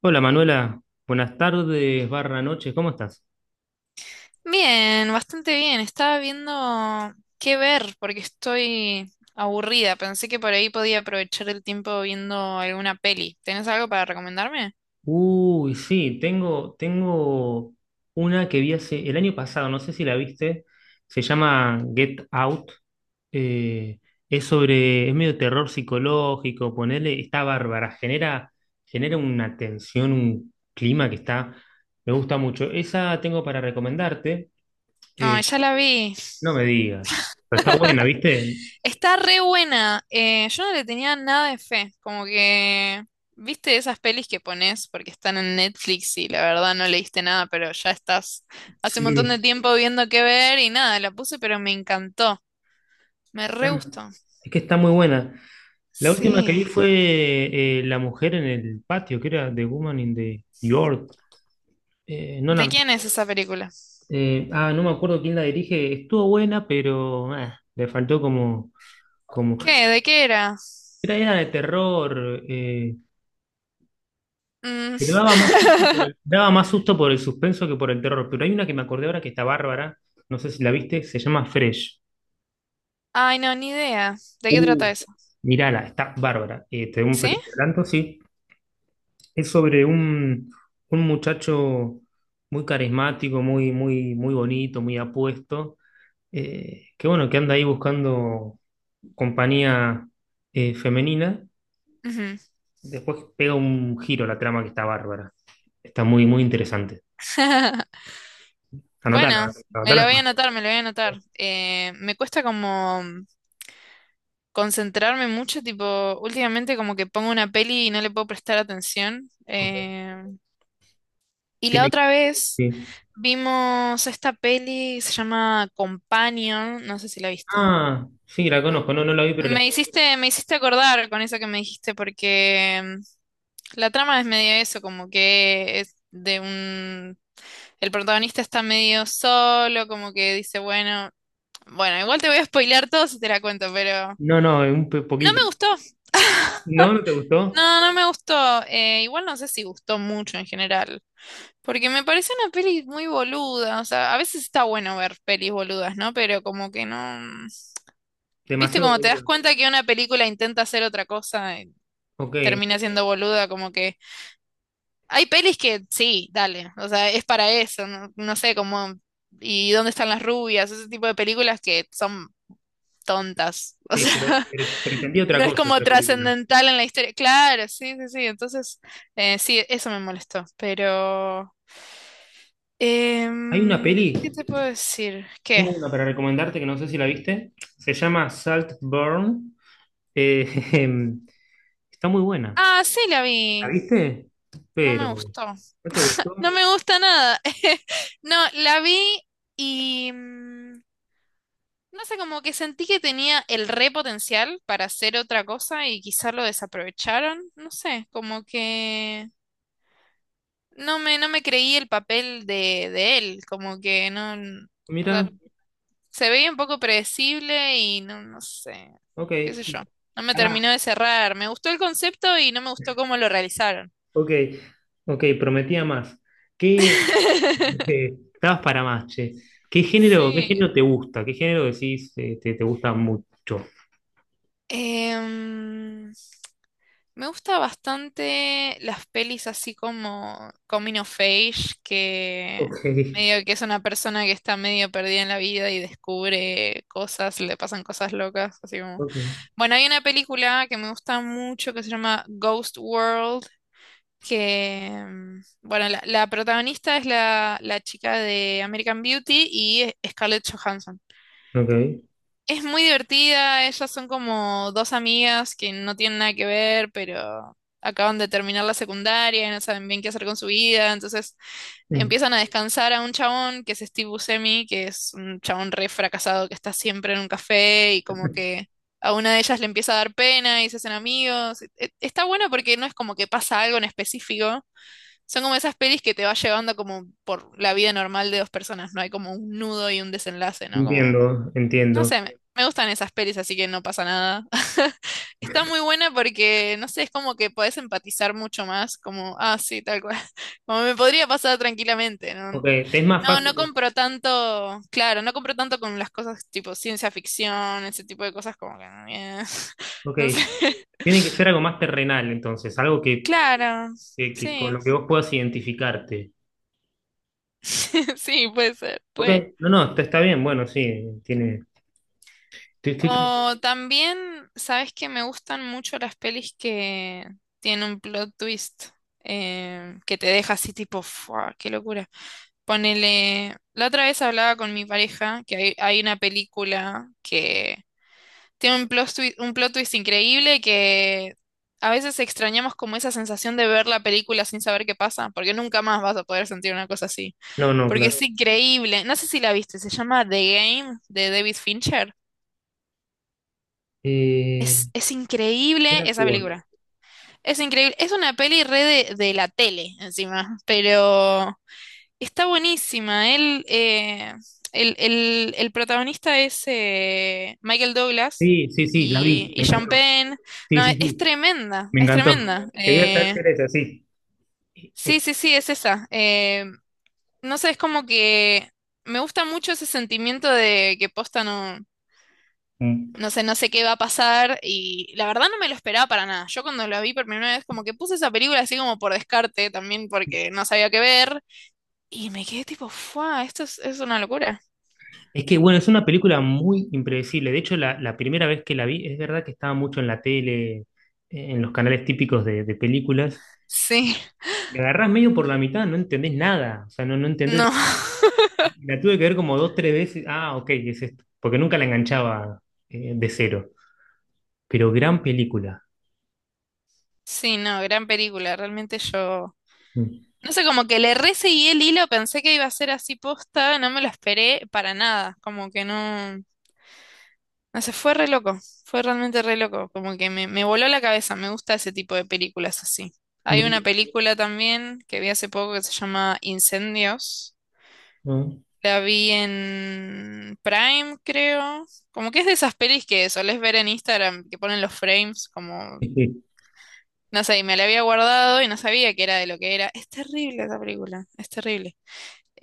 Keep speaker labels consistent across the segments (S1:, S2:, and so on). S1: Hola Manuela, buenas tardes, barra noches, ¿cómo estás?
S2: Bien, bastante bien. Estaba viendo qué ver porque estoy aburrida. Pensé que por ahí podía aprovechar el tiempo viendo alguna peli. ¿Tenés algo para recomendarme?
S1: Uy, sí, tengo una que vi hace el año pasado, no sé si la viste, se llama Get Out. eh, es sobre, es medio terror psicológico. Ponerle, está bárbara, genera una tensión, un clima que está, me gusta mucho. Esa tengo para recomendarte.
S2: No,
S1: eh,
S2: ya la vi.
S1: no me digas, pero está buena, ¿viste?
S2: Está re buena. Yo no le tenía nada de fe. Como que, viste esas pelis que pones porque están en Netflix y la verdad no leíste nada, pero ya estás hace un montón de
S1: Sí,
S2: tiempo viendo qué ver y nada, la puse, pero me encantó. Me re
S1: está-
S2: gustó.
S1: es que está muy buena. La última que vi
S2: Sí.
S1: fue La mujer en el patio, que era The Woman in the York. Eh, no
S2: ¿De
S1: la-
S2: quién es esa película?
S1: no me acuerdo quién la dirige. Estuvo buena, pero le faltó como.
S2: ¿Qué? ¿De qué era?
S1: Era de terror. Pero
S2: Mm,
S1: daba más susto daba más susto por el suspenso que por el terror. Pero hay una que me acordé ahora que está bárbara. No sé si la viste, se llama Fresh.
S2: ay, no, ni idea. ¿De qué
S1: Uh.
S2: trata eso?
S1: Mirala, está bárbara. Te doy un
S2: ¿Sí?
S1: pequeño adelanto, sí. Es sobre un muchacho muy carismático, muy bonito, muy apuesto, que bueno, que anda ahí buscando compañía femenina.
S2: Ujú.
S1: Después pega un giro la trama que está bárbara. Está muy interesante. Anotala,
S2: Bueno,
S1: anotala.
S2: me lo voy a anotar. Me cuesta como concentrarme mucho, tipo, últimamente como que pongo una peli y no le puedo prestar atención. Y la
S1: Tiene
S2: otra vez
S1: que...
S2: vimos esta peli, se llama Companion, no sé si la viste.
S1: Ah, sí, la conozco. No, no la vi, pero la...
S2: Me hiciste acordar con eso que me dijiste, porque la trama es medio eso, como que es de un... El protagonista está medio solo, como que dice, bueno, igual te voy a spoilear todo si te la cuento, pero
S1: No, no, un
S2: no me
S1: poquito.
S2: gustó.
S1: ¿No? ¿No te gustó?
S2: No, no me gustó. Igual no sé si gustó mucho en general, porque me pareció una peli muy boluda. O sea, a veces está bueno ver pelis boludas, ¿no? Pero como que no... Viste,
S1: Demasiado
S2: como te das
S1: boludo.
S2: cuenta que una película intenta hacer otra cosa y
S1: Ok,
S2: termina siendo boluda, como que... Hay pelis que sí, dale, o sea, es para eso, no, no sé cómo, y dónde están las rubias, ese tipo de películas que son tontas, o
S1: sí,
S2: sea,
S1: pero pretendía otra
S2: no es
S1: cosa
S2: como
S1: esa película.
S2: trascendental en la historia. Claro, sí, sí, sí, entonces, sí, eso me molestó, pero...
S1: Hay una
S2: ¿qué te
S1: peli
S2: puedo decir? ¿Qué?
S1: Tengo una para recomendarte que no sé si la viste. Se llama Saltburn. Jejem, está muy buena.
S2: Ah, sí, la
S1: ¿La
S2: vi,
S1: viste?
S2: no me
S1: Pero,
S2: gustó,
S1: ¿no te
S2: no
S1: gustó?
S2: me gusta nada, no, la vi y... mm, no sé, como que sentí que tenía el re potencial para hacer otra cosa y quizá lo desaprovecharon. No sé, como que no me creí el papel de él, como que no, o sea,
S1: Mira,
S2: se veía un poco predecible y no, no sé,
S1: ok.
S2: qué sé yo. No me
S1: Pará,
S2: terminó de cerrar. Me gustó el concepto y no me gustó cómo lo realizaron.
S1: ok. Ok, prometía más. ¿Qué estabas para más, che? Qué
S2: Sí.
S1: género te gusta? ¿Qué género decís te gusta mucho?
S2: Em, me gusta bastante las pelis así como Coming of Age, que
S1: Ok,
S2: medio que es una persona que está medio perdida en la vida y descubre cosas, le pasan cosas locas, así como...
S1: ok,
S2: Bueno, hay una película que me gusta mucho que se llama Ghost World, que, mm, bueno, la protagonista es la chica de American Beauty y Scarlett Johansson.
S1: ok.
S2: Es muy divertida, ellas son como dos amigas que no tienen nada que ver, pero acaban de terminar la secundaria y no saben bien qué hacer con su vida, entonces
S1: Mm,
S2: empiezan a descansar a un chabón que es Steve Buscemi, que es un chabón re fracasado que está siempre en un café y como que a una de ellas le empieza a dar pena y se hacen amigos. Está bueno porque no es como que pasa algo en específico, son como esas pelis que te va llevando como por la vida normal de dos personas, no hay como un nudo y un desenlace, ¿no? Como
S1: entiendo,
S2: no
S1: entiendo.
S2: sé, me gustan esas pelis, así que no pasa nada. Está muy buena porque, no sé, es como que podés empatizar mucho más, como, ah, sí, tal cual. Como me podría pasar tranquilamente, ¿no?
S1: Ok, ¿te es más
S2: No, no
S1: fácil?
S2: compro tanto, claro, no compro tanto con las cosas tipo ciencia ficción, ese tipo de cosas como que,
S1: Ok.
S2: no sé.
S1: Tiene que ser algo más terrenal, entonces, algo
S2: Claro,
S1: que con
S2: sí,
S1: lo que vos puedas identificarte.
S2: sí, puede ser,
S1: Ok,
S2: re.
S1: no, no, está, está bien, bueno, sí, tiene. estoy- estoy pens-
S2: O también, sabes que me gustan mucho las pelis que tienen un plot twist que te deja así tipo, ¡fua! ¡Qué locura! Ponele, la otra vez hablaba con mi pareja que hay una película que tiene un plot twist increíble que a veces extrañamos como esa sensación de ver la película sin saber qué pasa, porque nunca más vas a poder sentir una cosa así.
S1: no, no,
S2: Porque es
S1: claro.
S2: sí. Increíble. No sé si la viste, se llama The Game de David Fincher.
S1: Eh,
S2: Es
S1: ¿Quién
S2: increíble esa
S1: actúa?
S2: película. Es increíble. Es una peli re de la tele, encima. Pero está buenísima. El protagonista es Michael Douglas
S1: Sí, sí, sí, la vi,
S2: y
S1: me
S2: Sean
S1: encantó.
S2: Penn.
S1: Sí,
S2: No,
S1: sí,
S2: es
S1: sí,
S2: tremenda.
S1: me
S2: Es
S1: encantó.
S2: tremenda.
S1: Quería saber si era esa, sí. Eh,
S2: Sí,
S1: eh,
S2: sí, sí, es esa. No sé, es como que me gusta mucho ese sentimiento de que posta no.
S1: mm.
S2: No sé, no sé qué va a pasar y la verdad no me lo esperaba para nada. Yo cuando la vi por primera vez como que puse esa película así como por descarte también porque no sabía qué ver y me quedé tipo, ¡fua! Esto es una locura.
S1: Es que, bueno, es una película muy impredecible. De hecho, la primera vez que la vi, es verdad que estaba mucho en la tele, en los canales típicos de películas.
S2: Sí,
S1: Me agarrás medio por la mitad, no entendés nada. O sea, no, no entendés.
S2: no,
S1: La tuve que ver como dos, tres veces. Ah, ok, es esto. Porque nunca la enganchaba de cero. Pero gran película.
S2: sí, no, gran película. Realmente yo,
S1: Mm.
S2: no sé, como que le re seguí el hilo, pensé que iba a ser así posta, no me lo esperé para nada, como que no. No sé, fue re loco, fue realmente re loco, como que me voló la cabeza, me gusta ese tipo de películas así. Hay una
S1: Me-
S2: película también que vi hace poco que se llama Incendios,
S1: no.
S2: la vi en Prime, creo, como que es de esas pelis que solés ver en Instagram, que ponen los frames, como,
S1: Sí,
S2: no sé, y me la había guardado y no sabía que era de lo que era. Es terrible esa película, es terrible.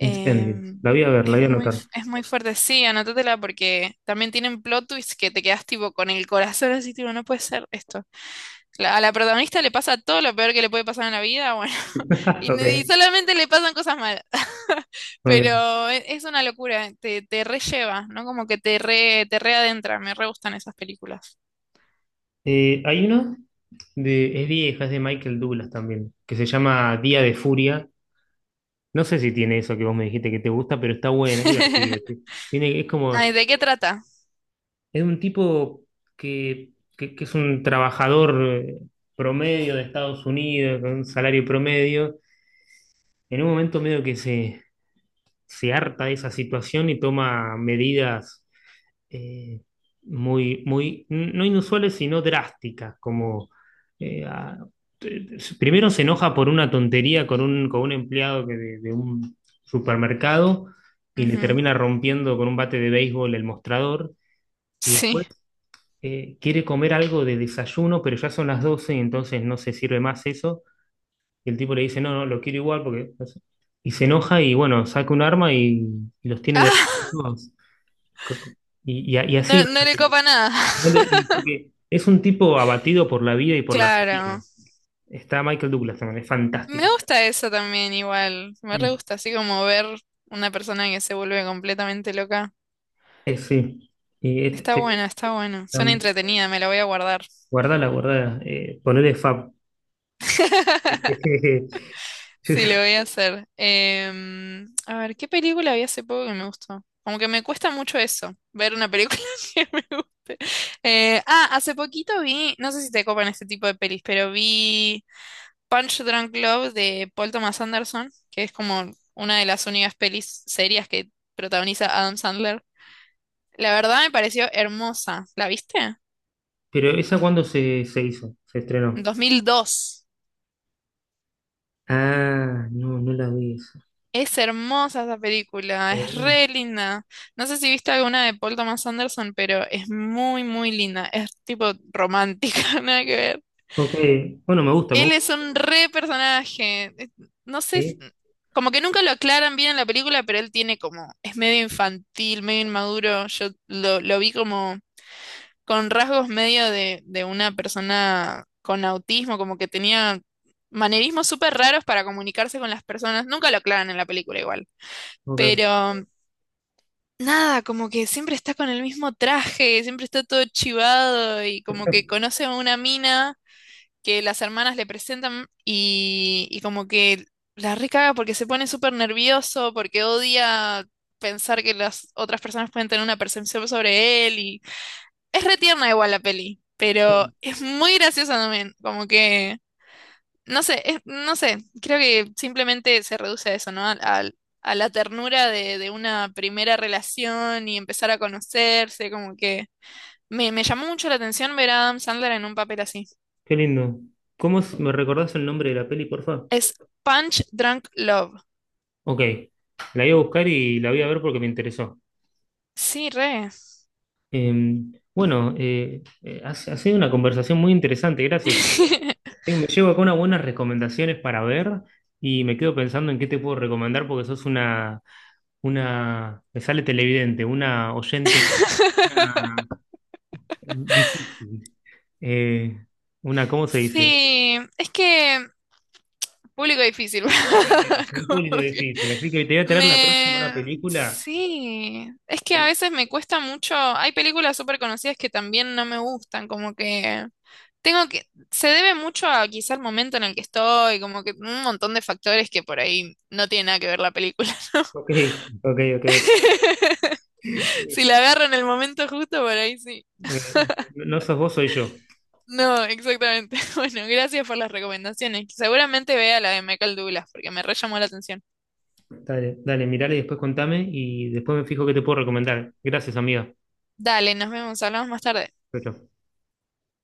S1: Incendios. La voy a ver, la voy a anotar.
S2: es muy fuerte, sí, anótatela porque también tienen plot twists que te quedas tipo con el corazón así, tipo, no puede ser esto. A la protagonista le pasa todo lo peor que le puede pasar en la vida, bueno, y, ni- y
S1: Ok,
S2: solamente le pasan cosas malas.
S1: ok.
S2: Pero es, una locura, te relleva, ¿no? Como que te re, te readentra, me re gustan esas películas.
S1: Hay una de, es vieja, es de Michael Douglas también, que se llama Día de Furia. No sé si tiene eso que vos me dijiste que te gusta, pero está buena, es divertida. Sí. Tiene, es
S2: Ay,
S1: como
S2: ¿de qué trata?
S1: es un tipo que, que es un trabajador eh, promedio de Estados Unidos, con un salario promedio. En un momento medio se harta de esa situación y toma medidas, eh, muy, muy, no inusuales, sino drásticas, como eh, a- primero se enoja por una tontería con con un empleado de un supermercado y le
S2: Ujú,
S1: termina rompiendo con un bate de béisbol el mostrador. Y
S2: sí.
S1: después quiere comer algo de desayuno, pero ya son las 12 y entonces no se sirve más eso. Y el tipo le dice, no, no, lo quiero igual porque... no sé. Y se enoja y bueno, saca un arma y los tiene de...
S2: Ah,
S1: todos. Y, y así
S2: no,
S1: va.
S2: no le copa nada.
S1: Dale, y porque es un tipo abatido por la vida y por la rutina.
S2: Claro.
S1: Está Michael Douglas también, es fantástico.
S2: Me gusta eso también igual, me re
S1: Mm.
S2: gusta así como ver una persona que se vuelve completamente loca.
S1: Sí. Y
S2: Está
S1: este,
S2: bueno, está bueno. Suena
S1: um,
S2: entretenida, me la voy a guardar.
S1: guardala, guardala. Ponele Fab.
S2: Sí, lo voy a hacer. Em, a ver, ¿qué película vi hace poco que me gustó? Como que me cuesta mucho eso, ver una película que me guste. Hace poquito vi, no sé si te copan este tipo de pelis, pero vi Punch Drunk Love de Paul Thomas Anderson, que es como una de las únicas pelis serias que protagoniza Adam Sandler. La verdad me pareció hermosa. ¿La viste?
S1: Pero esa cuando se hizo, se estrenó.
S2: 2002.
S1: Ah, no, no la vi esa.
S2: Es hermosa esa película,
S1: Ah,
S2: es
S1: bueno.
S2: re linda. No sé si viste alguna de Paul Thomas Anderson, pero es muy, muy linda. Es tipo romántica, nada que ver.
S1: Ok, bueno, me gusta, me
S2: Él
S1: gusta.
S2: es un re personaje. No sé,
S1: Sí,
S2: como que nunca lo aclaran bien en la película, pero él tiene como, es medio infantil, medio inmaduro. Lo vi como con rasgos medio de una persona con autismo, como que tenía manerismos súper raros para comunicarse con las personas. Nunca lo aclaran en la película igual.
S1: ok,
S2: Pero nada, como que siempre está con el mismo traje, siempre está todo chivado y como que conoce a una mina que las hermanas le presentan y como que la recaga porque se pone súper nervioso, porque odia pensar que las otras personas pueden tener una percepción sobre él y es re tierna igual la peli, pero es muy graciosa también, como que, no sé, no sé, creo que simplemente se reduce a eso, ¿no? A, la ternura de una primera relación y empezar a conocerse, como que me llamó mucho la atención ver a Adam Sandler en un papel así.
S1: qué lindo. Me recordás el nombre de la peli, porfa?
S2: Es Punch Drunk Love.
S1: Ok, la voy a buscar y la voy a ver porque me interesó.
S2: Sí, re.
S1: Eh, bueno, ha sido una conversación muy interesante, gracias. Me llevo acá unas buenas recomendaciones para ver y me quedo pensando en qué te puedo recomendar porque sos una, me sale televidente, una oyente, una difícil. Eh, una, ¿cómo se dice?
S2: Sí, es que público difícil.
S1: Un público
S2: Como que
S1: difícil. Así que te voy a traer la próxima una
S2: me...
S1: película.
S2: Sí, es que a veces me cuesta mucho. Hay películas súper conocidas que también no me gustan, como que tengo que... Se debe mucho a quizá el momento en el que estoy, como que un montón de factores que por ahí no tiene nada que ver la película, ¿no?
S1: Ok, ok, ok.
S2: Si la agarro en el momento justo, por ahí sí.
S1: No sos vos, soy yo.
S2: No, exactamente. Bueno, gracias por las recomendaciones. Seguramente vea la de Michael Douglas, porque me re llamó la atención.
S1: Dale, dale, mirale y después contame y después me fijo qué te puedo recomendar. Gracias, amiga.
S2: Dale, nos vemos, hablamos más tarde.
S1: Chau, chau.